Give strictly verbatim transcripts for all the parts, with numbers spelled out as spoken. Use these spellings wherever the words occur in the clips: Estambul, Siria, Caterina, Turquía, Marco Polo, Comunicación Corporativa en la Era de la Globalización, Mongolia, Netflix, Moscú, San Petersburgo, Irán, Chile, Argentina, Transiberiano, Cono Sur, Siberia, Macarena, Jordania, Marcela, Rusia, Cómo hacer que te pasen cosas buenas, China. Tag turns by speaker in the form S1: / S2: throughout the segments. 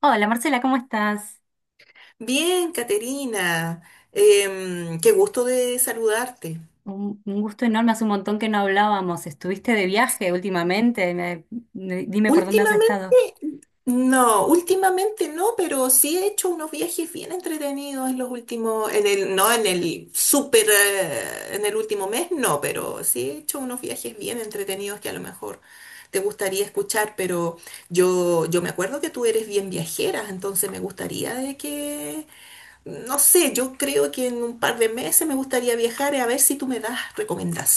S1: Hola Marcela, ¿cómo estás?
S2: Bien, Caterina, em, qué gusto de saludarte.
S1: Un, un gusto enorme, hace un montón que no hablábamos. ¿Estuviste de viaje últimamente? Me- me- dime por dónde has estado.
S2: Últimamente, no, últimamente no, pero sí he hecho unos viajes bien entretenidos en los últimos, en el, no en el súper, eh, en el último mes, no, pero sí he hecho unos viajes bien entretenidos que a lo mejor te gustaría escuchar, pero yo, yo me acuerdo que tú eres bien viajera, entonces me gustaría de que no sé, yo creo que en un par de meses me gustaría viajar a ver si tú me das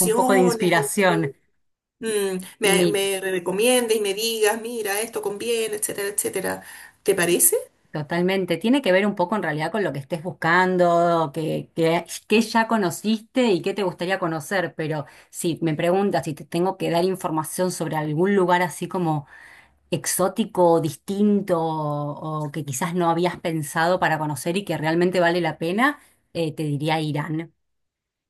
S1: Un poco de
S2: algo que
S1: inspiración.
S2: mm, me,
S1: Mi,
S2: me recomiendes y me digas, mira, esto conviene, etcétera, etcétera. ¿Te parece?
S1: totalmente. Tiene que ver un poco en realidad con lo que estés buscando, que, que, que ya conociste y qué te gustaría conocer. Pero si me preguntas si te tengo que dar información sobre algún lugar así como exótico, distinto o, o que quizás no habías pensado para conocer y que realmente vale la pena, eh, te diría Irán.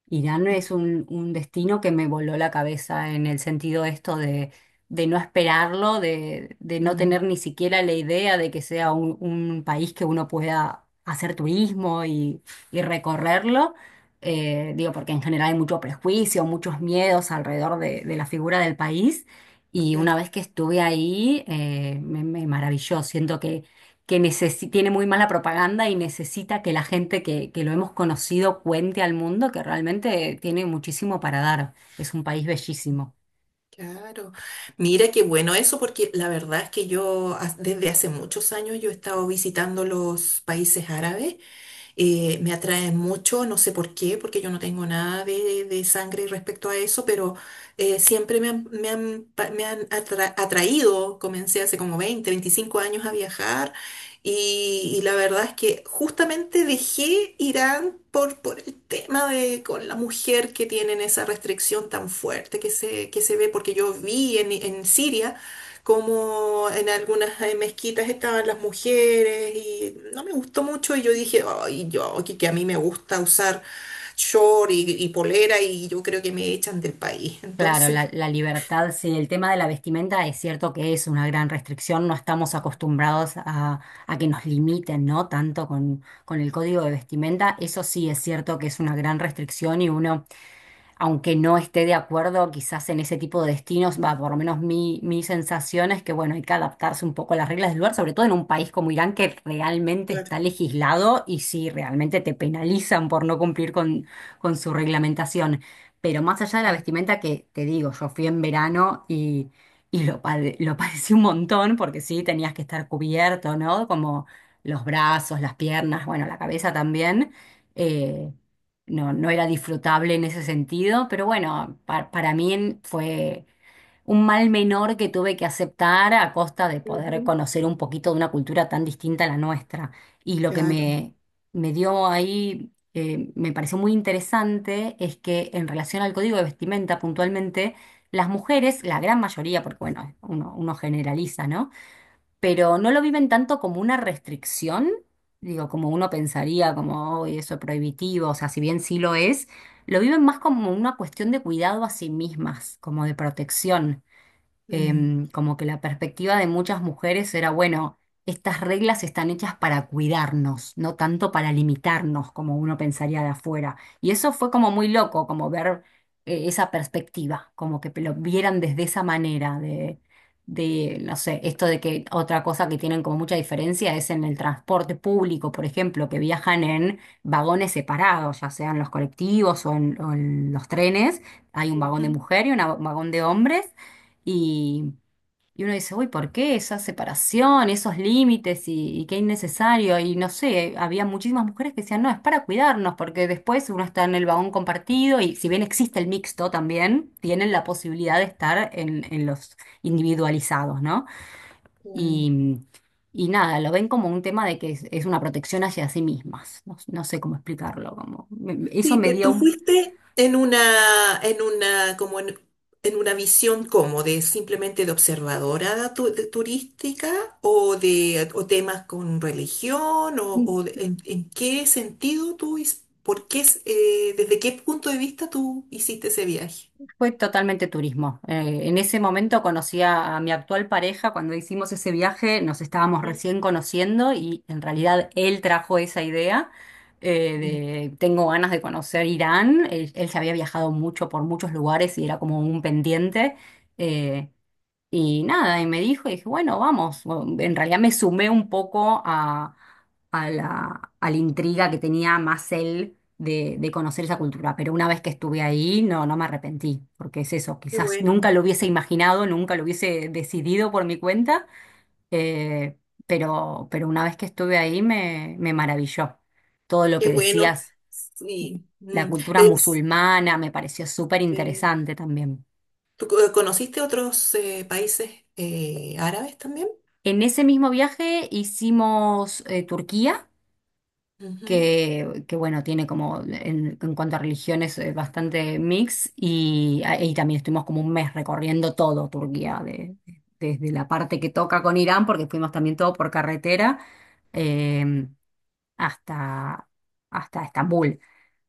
S1: Irán es un, un destino que me voló la cabeza en el sentido esto de, de no esperarlo, de, de no tener
S2: Mm,
S1: ni siquiera la idea de que sea un, un país que uno pueda hacer turismo y, y recorrerlo. Eh, digo, porque en general hay mucho prejuicio, muchos miedos alrededor de, de la figura del país. Y una
S2: claro,
S1: vez que estuve ahí, eh, me, me maravilló. Siento que necesi- tiene muy mala propaganda y necesita que la gente que, que lo hemos conocido cuente al mundo que realmente tiene muchísimo para dar. Es un país bellísimo.
S2: claro. Mira qué bueno eso, porque la verdad es que yo ha- desde hace muchos años yo he estado visitando los países árabes. Eh, me atrae mucho, no sé por qué, porque yo no tengo nada de, de sangre respecto a eso, pero eh, siempre me han, me han pa- me han atra- atraído. Comencé hace como veinte veinticinco años a viajar, y, y la verdad es que justamente dejé Irán por, por el tema de con la mujer que tienen esa restricción tan fuerte que se, que se ve, porque yo vi en, en Siria, como en algunas eh, mezquitas estaban las mujeres y no me gustó mucho, y yo dije, ay, yo aquí que a mí me gusta usar short y, y polera, y yo creo que me echan del país.
S1: Claro,
S2: Entonces,
S1: la, la libertad, sí, el tema de la vestimenta es cierto que es una gran restricción, no estamos acostumbrados a, a que nos limiten, ¿no? Tanto con, con el código de vestimenta, eso sí es cierto que es una gran restricción y uno aunque no esté de acuerdo quizás en ese tipo de destinos, va, por lo menos mi, mi sensación es que, bueno, hay que adaptarse un poco a las reglas del lugar, sobre todo en un país como Irán que realmente
S2: claro.
S1: está legislado y si realmente te penalizan por no cumplir con, con su reglamentación. Pero más allá de la vestimenta que te digo, yo fui en verano y, y lo, pade- lo padecí un montón porque sí, tenías que estar cubierto, ¿no? Como los brazos, las piernas, bueno, la cabeza también. eh, no, no era disfrutable en ese sentido, pero bueno, pa- para mí en- fue un mal menor que tuve que aceptar a costa de poder
S2: Ujú,
S1: conocer un poquito de una cultura tan distinta a la nuestra. Y lo que
S2: claro.
S1: me, me dio ahí, eh, me pareció muy interesante, es que en relación al código de vestimenta puntualmente, las mujeres, la gran mayoría, porque bueno, uno, uno generaliza, ¿no? Pero no lo viven tanto como una restricción, digo, como uno pensaría, como "Uy, eso es prohibitivo, o sea, si bien sí lo es, lo viven más como una cuestión de cuidado a sí mismas, como de protección.
S2: Mm,
S1: Em, como que la perspectiva de muchas mujeres era, bueno, estas reglas están hechas para cuidarnos, no tanto para limitarnos como uno pensaría de afuera. Y eso fue como muy loco, como ver eh, esa perspectiva, como que lo vieran desde esa manera de, de, no sé, esto de que otra cosa que tienen como mucha diferencia es en el transporte público, por ejemplo, que viajan en vagones separados, ya sean los colectivos o en o en los trenes, hay un vagón
S2: ujú,
S1: de mujer y un vagón de hombres y, y uno dice, uy, ¿por qué esa separación, esos límites y, y qué innecesario? Y no sé, había muchísimas mujeres que decían, no, es para cuidarnos, porque después uno está en el vagón compartido y si bien existe el mixto también, tienen la posibilidad de estar en, en los individualizados, ¿no?
S2: claro.
S1: Y, y nada, lo ven como un tema de que es, es una protección hacia sí mismas. No, no sé cómo explicarlo, como me- me- eso
S2: Sí,
S1: me
S2: pero
S1: dio
S2: tú
S1: un...
S2: fuiste en una, en una, como en, en una visión como de simplemente de observadora tu- de turística o de o temas con religión o, o de- en, en qué sentido tú, his- por qué, es- eh, desde qué punto de vista tú hiciste ese viaje.
S1: Fue totalmente turismo. Eh, en ese momento conocí a, a mi actual pareja, cuando hicimos ese viaje nos estábamos
S2: Mm,
S1: recién conociendo y en realidad él trajo esa idea
S2: mm.
S1: eh, de tengo ganas de conocer Irán. Él, él ya había viajado mucho por muchos lugares y era como un pendiente. Eh, y nada, y me dijo, y dije, bueno, vamos. Bueno, en realidad me sumé un poco a, a la, a la intriga que tenía más él de, de conocer esa cultura. Pero una vez que estuve ahí, no, no me arrepentí, porque es eso,
S2: Qué
S1: quizás
S2: bueno,
S1: nunca lo hubiese imaginado, nunca lo hubiese decidido por mi cuenta, eh, pero, pero una vez que estuve ahí me, me maravilló. Todo lo
S2: qué
S1: que
S2: bueno.
S1: decías,
S2: Sí.
S1: la
S2: Mm.
S1: cultura
S2: Es-
S1: musulmana, me pareció súper
S2: eh,
S1: interesante también.
S2: ¿tú co- conociste otros eh, países eh, árabes también?
S1: En ese mismo viaje hicimos eh, Turquía
S2: Ujú,
S1: que, que, bueno, tiene como en, en cuanto a religiones eh, bastante mix y, a- y también estuvimos como un mes recorriendo todo Turquía, de- desde la parte que toca con Irán, porque fuimos también todo por carretera, eh, hasta, hasta Estambul.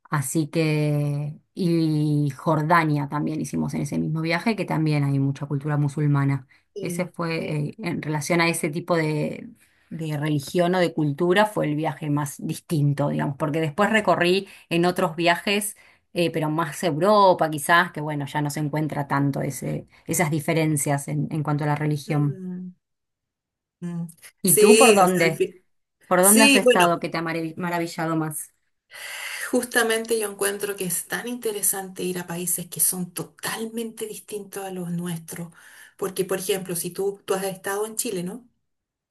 S1: Así que, y Jordania también hicimos en ese mismo viaje, que también hay mucha cultura musulmana. Ese
S2: sí. Sí.
S1: fue, eh, en relación a ese tipo de, de religión o de cultura, fue el viaje más distinto, digamos, porque después recorrí en otros viajes, eh, pero más Europa quizás, que bueno, ya no se encuentra tanto ese, esas diferencias en, en cuanto a la religión.
S2: Mm, mm.
S1: ¿Y tú por
S2: Sí, o sea, al
S1: dónde?
S2: fin-
S1: ¿Por dónde has
S2: sí, bueno,
S1: estado que te ha marav- maravillado más?
S2: justamente yo encuentro que es tan interesante ir a países que son totalmente distintos a los nuestros, porque, por ejemplo, si tú, tú has estado en Chile, ¿no?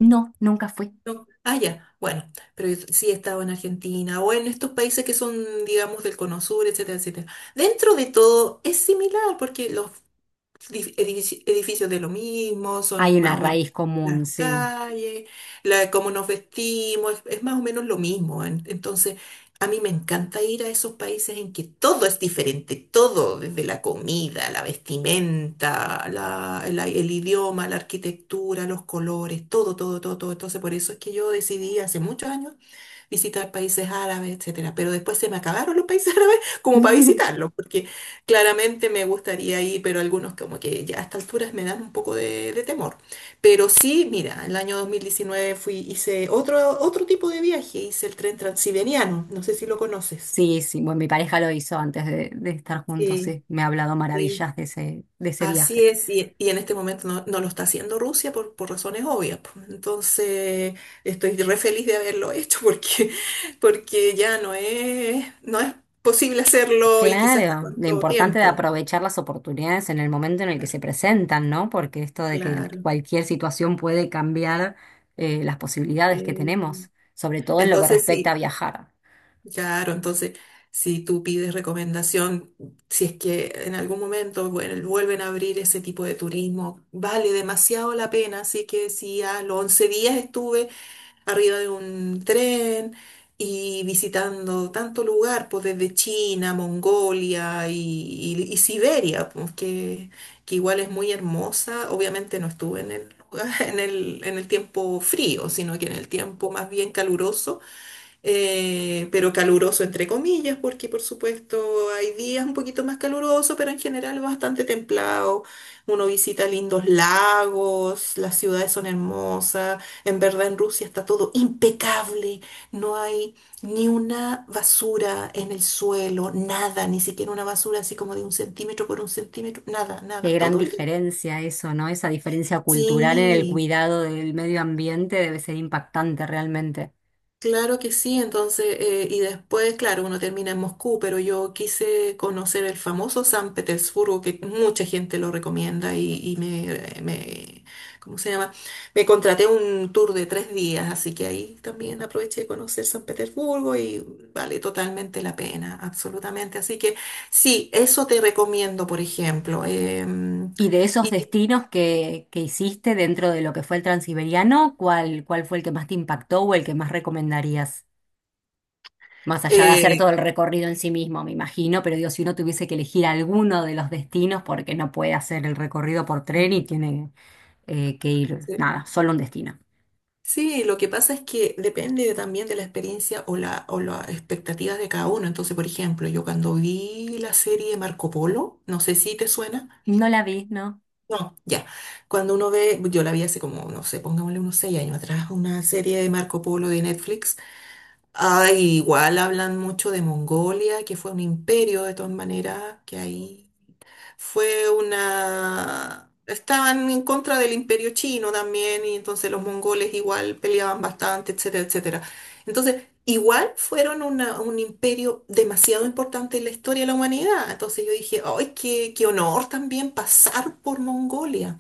S1: No, nunca fui.
S2: No. Ah, ya, bueno, pero yo sí he estado en Argentina o en estos países que son, digamos, del Cono Sur, etcétera, etcétera. Dentro de todo es similar, porque los dif- edifici- edificios de lo mismo,
S1: Hay
S2: son más
S1: una
S2: o menos
S1: raíz
S2: las
S1: común, sí.
S2: calles, la, cómo nos vestimos, es, es más o menos lo mismo. En- entonces, a mí me encanta ir a esos países en que todo es diferente, todo, desde la comida, la vestimenta, la- el, el idioma, la arquitectura, los colores, todo, todo, todo, todo. Entonces, por eso es que yo decidí hace muchos años visitar países árabes, etcétera. Pero después se me acabaron los países árabes como para visitarlos, porque claramente me gustaría ir, pero algunos como que ya a estas alturas me dan un poco de, de temor. Pero sí, mira, el año dos mil diecinueve fui, hice otro, otro tipo de viaje, hice el tren transiberiano, no sé si lo conoces.
S1: Sí, sí, bueno, mi pareja lo hizo antes de, de estar juntos,
S2: Sí.
S1: sí, me ha hablado
S2: Sí,
S1: maravillas de ese, de ese
S2: así
S1: viaje.
S2: es, y, y en este momento no, no lo está haciendo Rusia por, por razones obvias, pues. Entonces, estoy re feliz de haberlo hecho porque, porque ya no es, no es posible hacerlo y quizás hasta
S1: Claro, lo
S2: cuánto
S1: importante de
S2: tiempo.
S1: aprovechar las oportunidades en el momento en el que
S2: Claro,
S1: se presentan, ¿no? Porque esto de que
S2: claro.
S1: cualquier situación puede cambiar eh, las posibilidades que tenemos,
S2: Sí.
S1: sobre todo en lo que
S2: Entonces,
S1: respecta a
S2: sí,
S1: viajar.
S2: claro, entonces, si tú pides recomendación, si es que en algún momento, bueno, vuelven a abrir ese tipo de turismo, vale demasiado la pena. Así que si a los once días estuve arriba de un tren y visitando tanto lugar, pues desde China, Mongolia y, y- y Siberia, pues que, que igual es muy hermosa. Obviamente no estuve en el, lugar- en el, en el tiempo frío, sino que en el tiempo más bien caluroso. Eh, pero caluroso entre comillas, porque por supuesto hay días un poquito más caluroso, pero en general bastante templado. Uno visita lindos lagos, las ciudades son hermosas, en verdad en Rusia está todo impecable, no hay ni una basura en el suelo, nada, ni siquiera una basura así como de un centímetro por un centímetro, nada,
S1: Qué
S2: nada,
S1: gran
S2: todo limpio.
S1: diferencia eso, ¿no? Esa diferencia cultural en el
S2: Sí,
S1: cuidado del medio ambiente debe ser impactante realmente.
S2: claro que sí. Entonces, eh, y después, claro, uno termina en Moscú, pero yo quise conocer el famoso San Petersburgo, que mucha gente lo recomienda y, y me, me, ¿cómo se llama? Me contraté un tour de tres días, así que ahí también aproveché de conocer San Petersburgo y vale totalmente la pena, absolutamente. Así que sí, eso te recomiendo, por ejemplo. em,
S1: Y de esos
S2: y,
S1: destinos que, que hiciste dentro de lo que fue el Transiberiano, ¿cuál, cuál fue el que más te impactó o el que más recomendarías? Más allá de hacer todo el recorrido en sí mismo, me imagino, pero digo, si uno tuviese que elegir alguno de los destinos, porque no puede hacer el recorrido por tren y tiene eh, que ir,
S2: eh,
S1: nada, solo un destino.
S2: Sí, lo que pasa es que depende también de la experiencia o la, o las expectativas de cada uno. Entonces, por ejemplo, yo cuando vi la serie Marco Polo, no sé si te suena.
S1: No la vi, ¿no?
S2: No, ya. Cuando uno ve, yo la vi hace como, no sé, pongámosle unos seis años atrás, una serie de Marco Polo de Netflix. Ah, igual hablan mucho de Mongolia, que fue un imperio de todas maneras, que ahí fue una... Estaban en contra del imperio chino también, y entonces los mongoles igual peleaban bastante, etcétera, etcétera. Entonces, igual fueron una- un imperio demasiado importante en la historia de la humanidad. Entonces yo dije, ¡ay, qué, qué honor también pasar por Mongolia!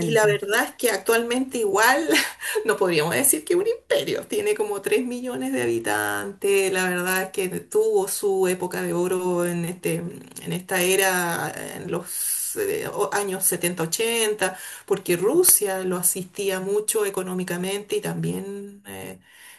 S2: Y la verdad es que actualmente igual no podríamos decir que un imperio. Tiene como tres millones de habitantes. La verdad es que tuvo su época de oro en este, en esta era, en los eh, o- años setenta ochenta, porque Rusia lo asistía mucho económicamente y también eh,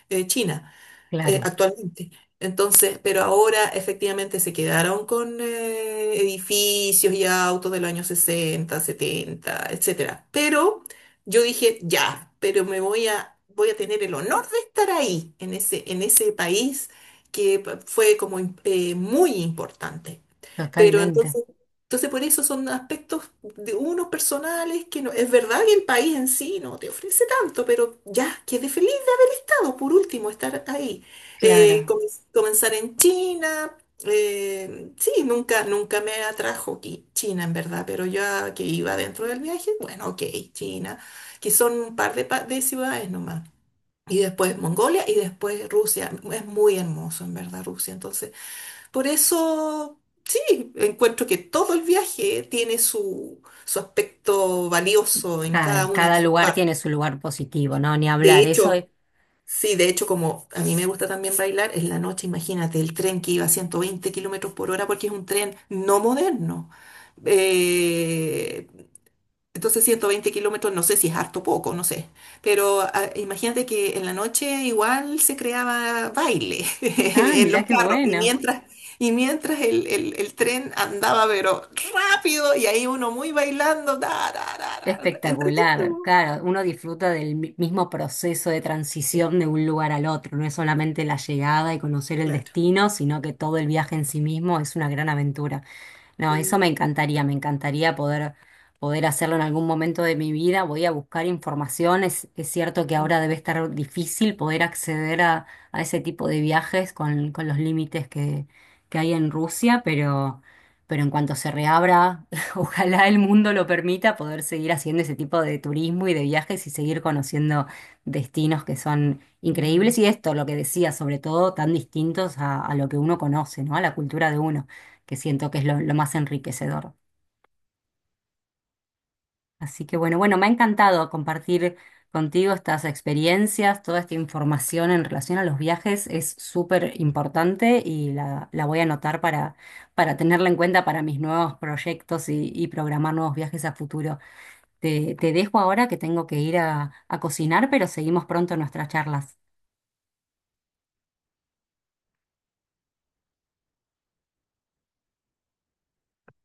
S2: eh, China eh,
S1: claro,
S2: actualmente. Entonces, pero ahora efectivamente se quedaron con eh, edificios y autos de los años sesenta, setenta, etcétera. Pero yo dije, ya, pero me voy a, voy a tener el honor de estar ahí, en ese, en ese país que pa- fue como im- eh, muy importante. Pero
S1: totalmente,
S2: entonces, entonces por eso son aspectos de unos personales que no, es verdad que el país en sí no te ofrece tanto, pero ya, quedé feliz por último, estar ahí. Eh,
S1: claro,
S2: com- comenzar en China. Eh, sí, nunca, nunca me atrajo qui- China, en verdad, pero ya que iba dentro del viaje, bueno, ok, China, que son un par de, pa- de ciudades nomás. Y después Mongolia y después Rusia. Es muy hermoso, en verdad, Rusia. Entonces, por eso, sí, encuentro que todo el viaje tiene su, su aspecto valioso en cada
S1: claro.
S2: una de
S1: Cada
S2: sus
S1: lugar
S2: partes.
S1: tiene su lugar positivo, ¿no? Ni
S2: De
S1: hablar, eso es...
S2: hecho, sí, de hecho, como a mí me gusta también bailar, en la noche, imagínate, el tren que iba a ciento veinte kilómetros por hora, porque es un tren no moderno. Eh, entonces, ciento veinte kilómetros, no sé si es harto o poco, no sé. Pero ah, imagínate que en la noche igual se creaba baile
S1: Ah,
S2: en los
S1: mirá qué
S2: carros y
S1: bueno.
S2: mientras, y mientras el, el- el tren andaba, pero rápido y ahí uno muy bailando, da, da, da, da, da,
S1: Espectacular,
S2: entretenido.
S1: claro, uno disfruta del mi- mismo proceso de
S2: Sí,
S1: transición de un lugar al otro, no es solamente la llegada y conocer el
S2: claro.
S1: destino, sino que todo el viaje en sí mismo es una gran aventura. No, eso me
S2: Sí.
S1: encantaría, me encantaría poder, poder hacerlo en algún momento de mi vida. Voy a buscar información. Es, es cierto que ahora debe estar difícil poder acceder a, a ese tipo de viajes con, con los límites que, que hay en Rusia, pero, pero en cuanto se reabra, ojalá el mundo lo permita, poder seguir haciendo ese tipo de turismo y de viajes y seguir conociendo destinos que son increíbles. Y esto, lo que decía, sobre todo, tan distintos a, a lo que uno conoce, ¿no? A la cultura de uno que siento que es lo, lo más enriquecedor. Así que bueno, bueno, me ha encantado compartir contigo estas experiencias, toda esta información en relación a los viajes es súper importante y la, la voy a anotar para, para tenerla en cuenta para mis nuevos proyectos y, y programar nuevos viajes a futuro. Te, te dejo ahora que tengo que ir a, a cocinar, pero seguimos pronto nuestras charlas.